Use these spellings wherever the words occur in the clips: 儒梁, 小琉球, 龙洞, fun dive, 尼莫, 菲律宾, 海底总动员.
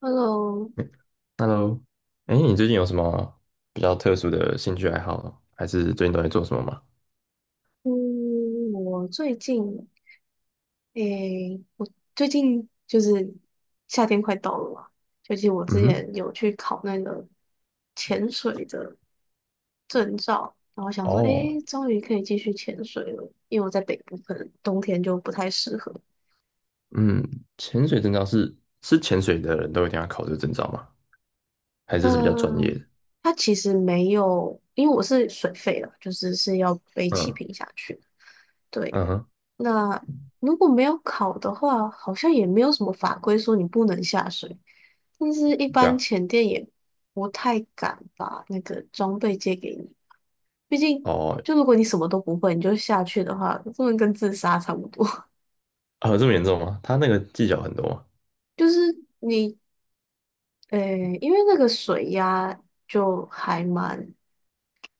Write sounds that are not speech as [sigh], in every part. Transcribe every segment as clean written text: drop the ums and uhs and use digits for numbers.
Hello。嗯， Hello。哎，你最近有什么比较特殊的兴趣爱好呢，还是最近都在做什么吗？嗯，我最近，诶，我最近就是夏天快到了嘛。最近我之嗯，前有去考那个潜水的证照，然后想说，哦，诶，终于可以继续潜水了，因为我在北部，可能冬天就不太适合。嗯，潜水证照是潜水的人都一定要考这个证照吗？还是是比较专业嗯，的？它其实没有，因为我是水肺了，就是要背气嗯，瓶下去的。对。嗯哼，那如果没有考的话，好像也没有什么法规说你不能下水，但是一对般啊，潜店也不太敢把那个装备借给你，毕竟哦。就如果你什么都不会，你就下去的话，真的跟自杀差不多。[laughs] 啊，这么严重吗？他那个技巧很多吗？就是你，呃，因为那个水压就还蛮，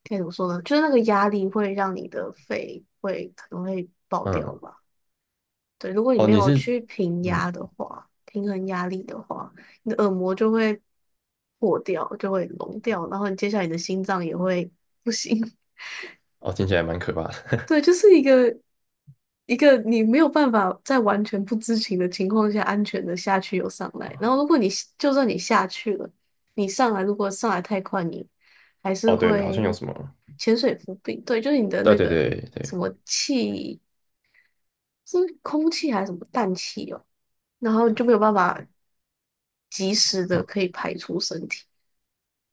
该怎么说呢？就是那个压力会让你的肺会可能会爆掉嗯，吧。对，如果你哦，没你有是，去平压嗯，的话，平衡压力的话，你的耳膜就会破掉，就会聋掉，然后你接下来你的心脏也会不行。[laughs] 哦，听起来蛮可怕的。对，就是一个你没有办法在完全不知情的情况下安全的下去又上来，然后如果你就算你下去了，你上来如果上来太快，你还 [laughs] 是哦，对，好像有会什么，潜水浮病。对，就是你的对那对个对什对，么气，是空气还是什么氮气哦，然后就没有办法。及时的啊，可以排出身体。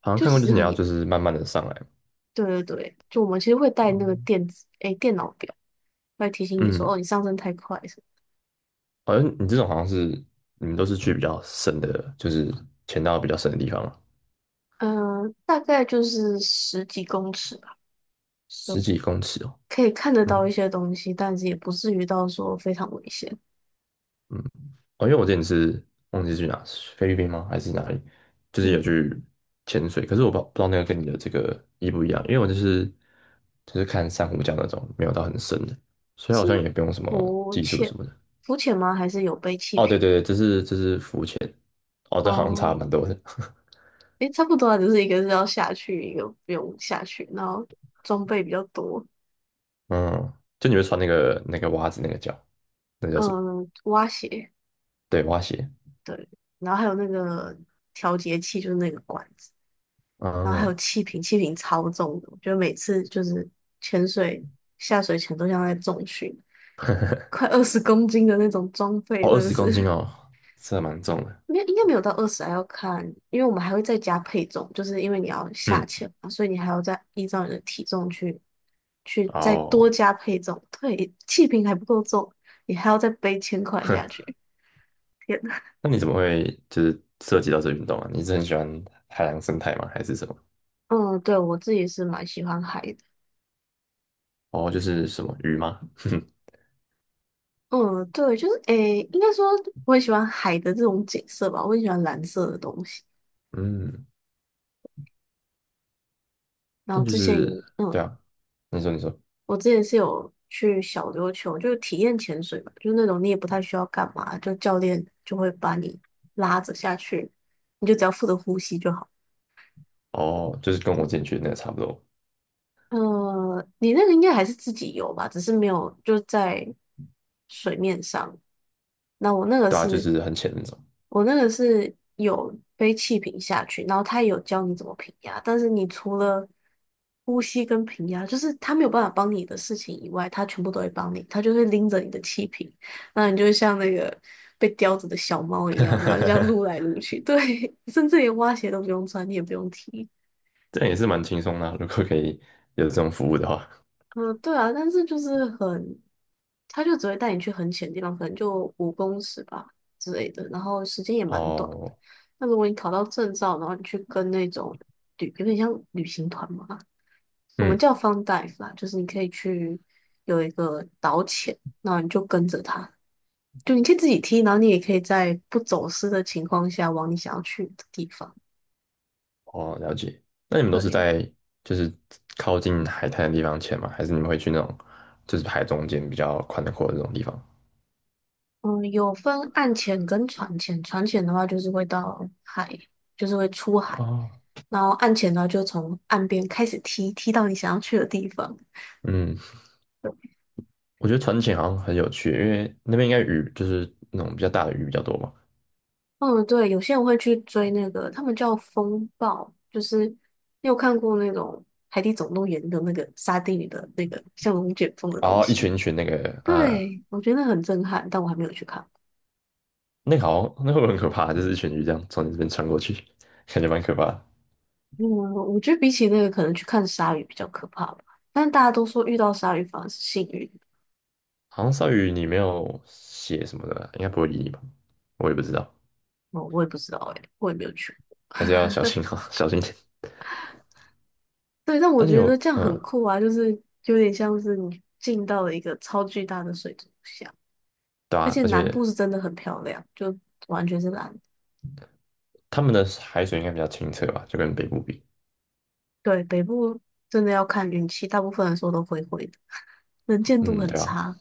好像就看其过，就实是你很要严。就是慢慢的上来嘛。对对对，就我们其实会带啊，那个电子，诶，电脑表，会提醒你说，哦，嗯，你上升太快什么。好像你这种好像是你们都是去比较深的，就是潜到比较深的地方嘛，嗯、大概就是十几公尺吧，十就几公尺哦。可以看得到一嗯，些东西，但是也不至于到说非常危险。嗯，哦，因为我之前是忘记去哪，菲律宾吗？还是哪里？就是有嗯，去潜水，可是我不知道那个跟你的这个一不一样，因为我就是看珊瑚礁那种，没有到很深的，所以好是像也不用什么浮技术潜，什么的。浮潜吗？还是有被气哦，对瓶？对对，这是浮潜，哦，这好像差哦、蛮多的。[laughs] 诶，差不多啊，就是一个是要下去，一个不用下去，然后装备比较多。嗯，就你会穿那个袜子那个脚，那叫什么？嗯，蛙鞋。对，蛙鞋。对，然后还有那个调节器，就是那个管子，然后还嗯，有气瓶，气瓶超重的，我觉得每次就是潜水下水前都像在重训，快20公斤的那种装备，哦，二真的十公斤是哦，这蛮重的。没有应该没有到二十，还要看，因为我们还会再加配重，就是因为你要下嗯，潜嘛，所以你还要再依照你的体重去再多哦，加配重，对，气瓶还不够重，你还要再背千块下哼，去，天呐！那你怎么会就是涉及到这运动啊？你是很喜欢海洋生态吗？还是什么？嗯，对，我自己是蛮喜欢海的。哦，就是什么鱼吗？[laughs] 嗯，对，就是诶，应该说我很喜欢海的这种景色吧，我很喜欢蓝色的东西。嗯，然后但就之前，是对嗯，啊，你说你说，我之前是有去小琉球，就是体验潜水嘛，就是那种你也不太需要干嘛，就教练就会把你拉着下去，你就只要负责呼吸就好。哦，就是跟我之前去的那个差不多，你那个应该还是自己游吧，只是没有就在水面上。那我那个对啊，就是，是很浅那种。我那个是有背气瓶下去，然后他也有教你怎么平压，但是你除了呼吸跟平压，就是他没有办法帮你的事情以外，他全部都会帮你，他就会拎着你的气瓶，那你就会像那个被叼着的小猫一样，然后就这样撸来 [laughs] 撸去，对。[laughs] 甚至连蛙鞋都不用穿，你也不用踢。这样也是蛮轻松的啊，如果可以有这种服务的话，嗯，对啊，但是就是很，他就只会带你去很浅的地方，可能就5公尺吧之类的，然后时间也蛮短的。哦，那如果你考到证照，然后你去跟那种旅，有点像旅行团嘛，我们嗯。叫 fun dive 啦，就是你可以去有一个导潜，然后你就跟着他，就你可以自己踢，然后你也可以在不走失的情况下往你想要去的地方。哦，了解。那你们都是对。在就是靠近海滩的地方潜吗？还是你们会去那种就是海中间比较宽的阔的那种地方？嗯，有分岸潜跟船潜，船潜的话就是会到海，就是会出海，哦，然后岸潜呢，就从岸边开始踢，踢到你想要去的地方。嗯，对。我觉得船潜好像很有趣，因为那边应该鱼就是那种比较大的鱼比较多嘛，嗯，对，有些人会去追那个，他们叫风暴，就是你有看过那种《海底总动员》的那个沙丁鱼的那个像龙卷风的然东后一西？群一群那个啊、对，我觉得很震撼，但我还没有去看。那个好像那会很可怕，就是一群鱼这样从你这边穿过去。[laughs] 感觉蛮可怕的。嗯，我觉得比起那个，可能去看鲨鱼比较可怕吧。但大家都说遇到鲨鱼反而是幸运。好像鲨鱼你没有血什么的，应该不会理你吧？我也不知道，哦，我也不知道哎，我也没有去。还是要小心啊，[laughs] 小心一点。对，但我但你觉得有这样很嗯，酷啊，就是有点像是你进到了一个超巨大的水族箱，对而啊，且而南部且是真的很漂亮，就完全是蓝的。他们的海水应该比较清澈吧，就跟北部比。对，北部真的要看运气，大部分人说都灰灰的，能见度嗯，很对啊，差。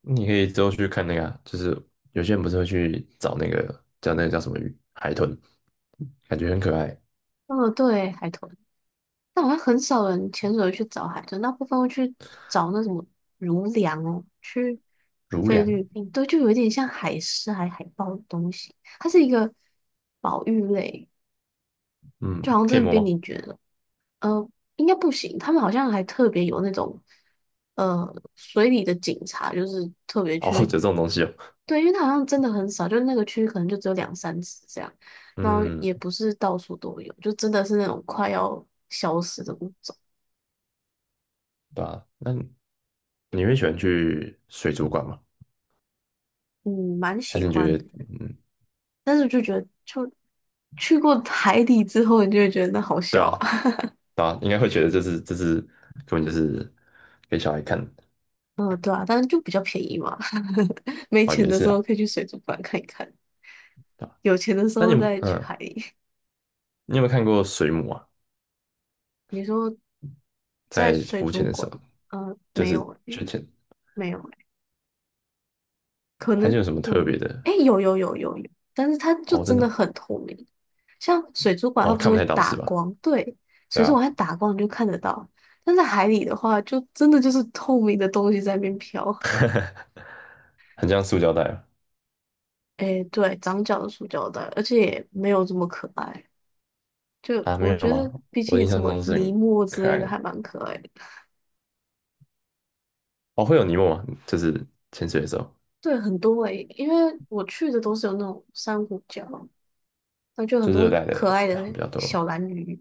你可以之后去看那个啊，就是有些人不是会去找那个叫什么鱼，海豚，感觉很可爱，哦，对，海豚，但好像很少人潜水去找海豚，大部分会去找那什么儒梁哦，去如菲梁。律宾。对，就有一点像海狮还海豹的东西，它是一个保育类。就嗯，好像可以真的摸被吗？你觉得，呃，应该不行。他们好像还特别有那种，水里的警察，就是特别哦，[laughs] 有去，这种东西哦。对，因为他好像真的很少，就那个区域可能就只有两三次这样，然后嗯，也不是到处都有，就真的是那种快要消失的物种。对啊，那你会喜欢去水族馆吗？嗯，蛮还喜是你觉欢得，的，嗯，但是就觉得，就去过海底之后，你就会觉得那好对小啊，啊。对啊，应该会觉得这是根本就是给小孩看的。 [laughs] 嗯，对啊，但是就比较便宜嘛，[laughs] 没哦，钱也的是时啊，候可以去水族馆看一看，对啊。有钱的时那你候有没有再去嗯，海里。你有没有看过水母啊？你说在在水浮潜族的时馆？候？就没是有圈诶，圈没有诶，可盘圈能有什么有特吗？别的？诶，有有有有有，但是它就哦，真真的的很透明，像水族馆它哦，不是看不会太到打是吧？光？对，对水族啊，馆它打光你就看得到，但在海里的话，就真的就是透明的东西在那边飘。[laughs] 很像塑胶袋啊，诶，对，长角的塑胶袋，而且也没有这么可爱。就啊，没我有觉得，吗？比我起印什象么中是尼很莫之可类爱的，还的。蛮可爱的。哦，会有泥膜吗？就是潜水的时候，对，很多诶，因为我去的都是有那种珊瑚礁。然后就有很就是热多带可的爱比较的比较小多。蓝鱼，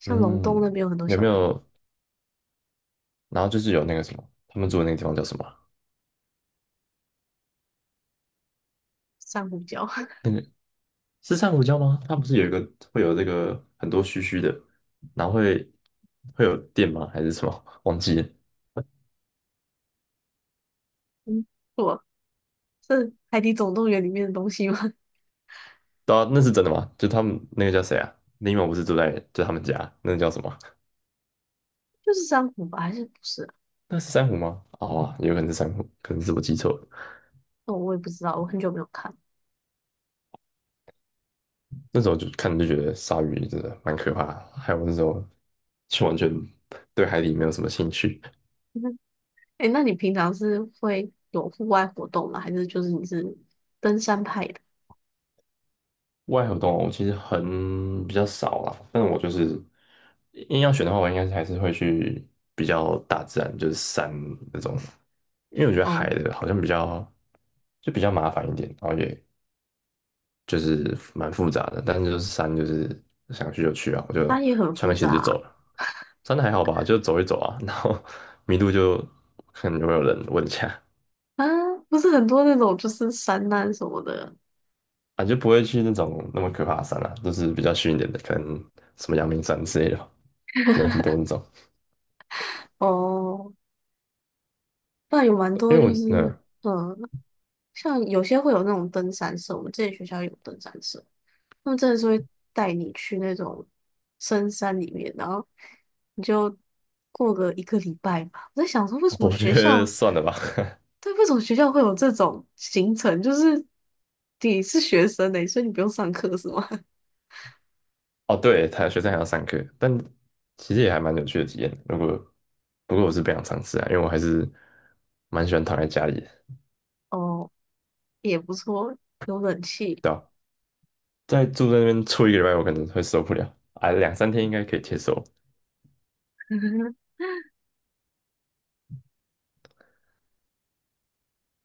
像龙洞那嗯，边有很多有小没蓝鱼。有？然后就是有那个什么，他们住的那个地方叫什么啊，珊瑚礁。那个是珊瑚礁吗？它不是有一个会有这个很多须须的，然后会有电吗？还是什么？[laughs] 忘记了。[laughs] 嗯，错，是《海底总动员》里面的东西吗？[laughs] 到啊，那是真的吗？就他们那个叫谁啊？林某不是住在就他们家，那个叫什么？就是珊瑚吧，还是不是啊？那是珊瑚吗？哦啊，有可能是珊瑚，可能是我记错了。哦，我也不知道，我很久没有看。那时候就看就觉得鲨鱼真的蛮可怕的，还有那时候就完全对海里没有什么兴趣。[laughs] 哎那你平常是会有户外活动吗？还是就是你是登山派的？外河动物其实很比较少啦，但是我就是硬要选的话，我应该还是会去比较大自然，就是山那种，因为我觉得哦，海的好像比较就比较麻烦一点，然后也就是蛮复杂的，但是就是山就是想去就去啊，我就它也很穿复个鞋杂子就走啊，了。山还好吧，就走一走啊，[laughs] 然后迷路就看有没有人问一下啊不是很多那种就是山难什么的。啊，就不会去那种那么可怕的山了，就是比较虚一点的，可能什么阳明山之类的吧，人很多那种。哦，那有蛮因为多就我是嗯，嗯，像有些会有那种登山社，我们之前学校有登山社。他们真的是会带你去那种深山里面，然后你就过个一个礼拜吧。我在想说，为什么我学觉得校，算了吧。对，为什么学校会有这种行程？就是你是学生呢，所以你不用上课是吗？[laughs] 哦，对，他学生还要上课，但其实也还蛮有趣的体验。不过我是不想尝试啊，因为我还是蛮喜欢躺在家里的，[laughs] 哦，也不错，有冷气。对吧？再住在那边住一个礼拜，我可能会受不了啊，两三天应该可以接受。[laughs]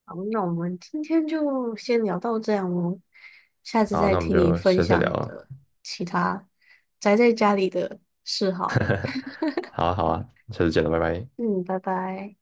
好，那我们今天就先聊到这样哦，下次好，再那我们听你就分下次再享聊你了。的其他宅在家里的嗜好。好啊，好啊，下次见了，拜拜。嗯，拜拜。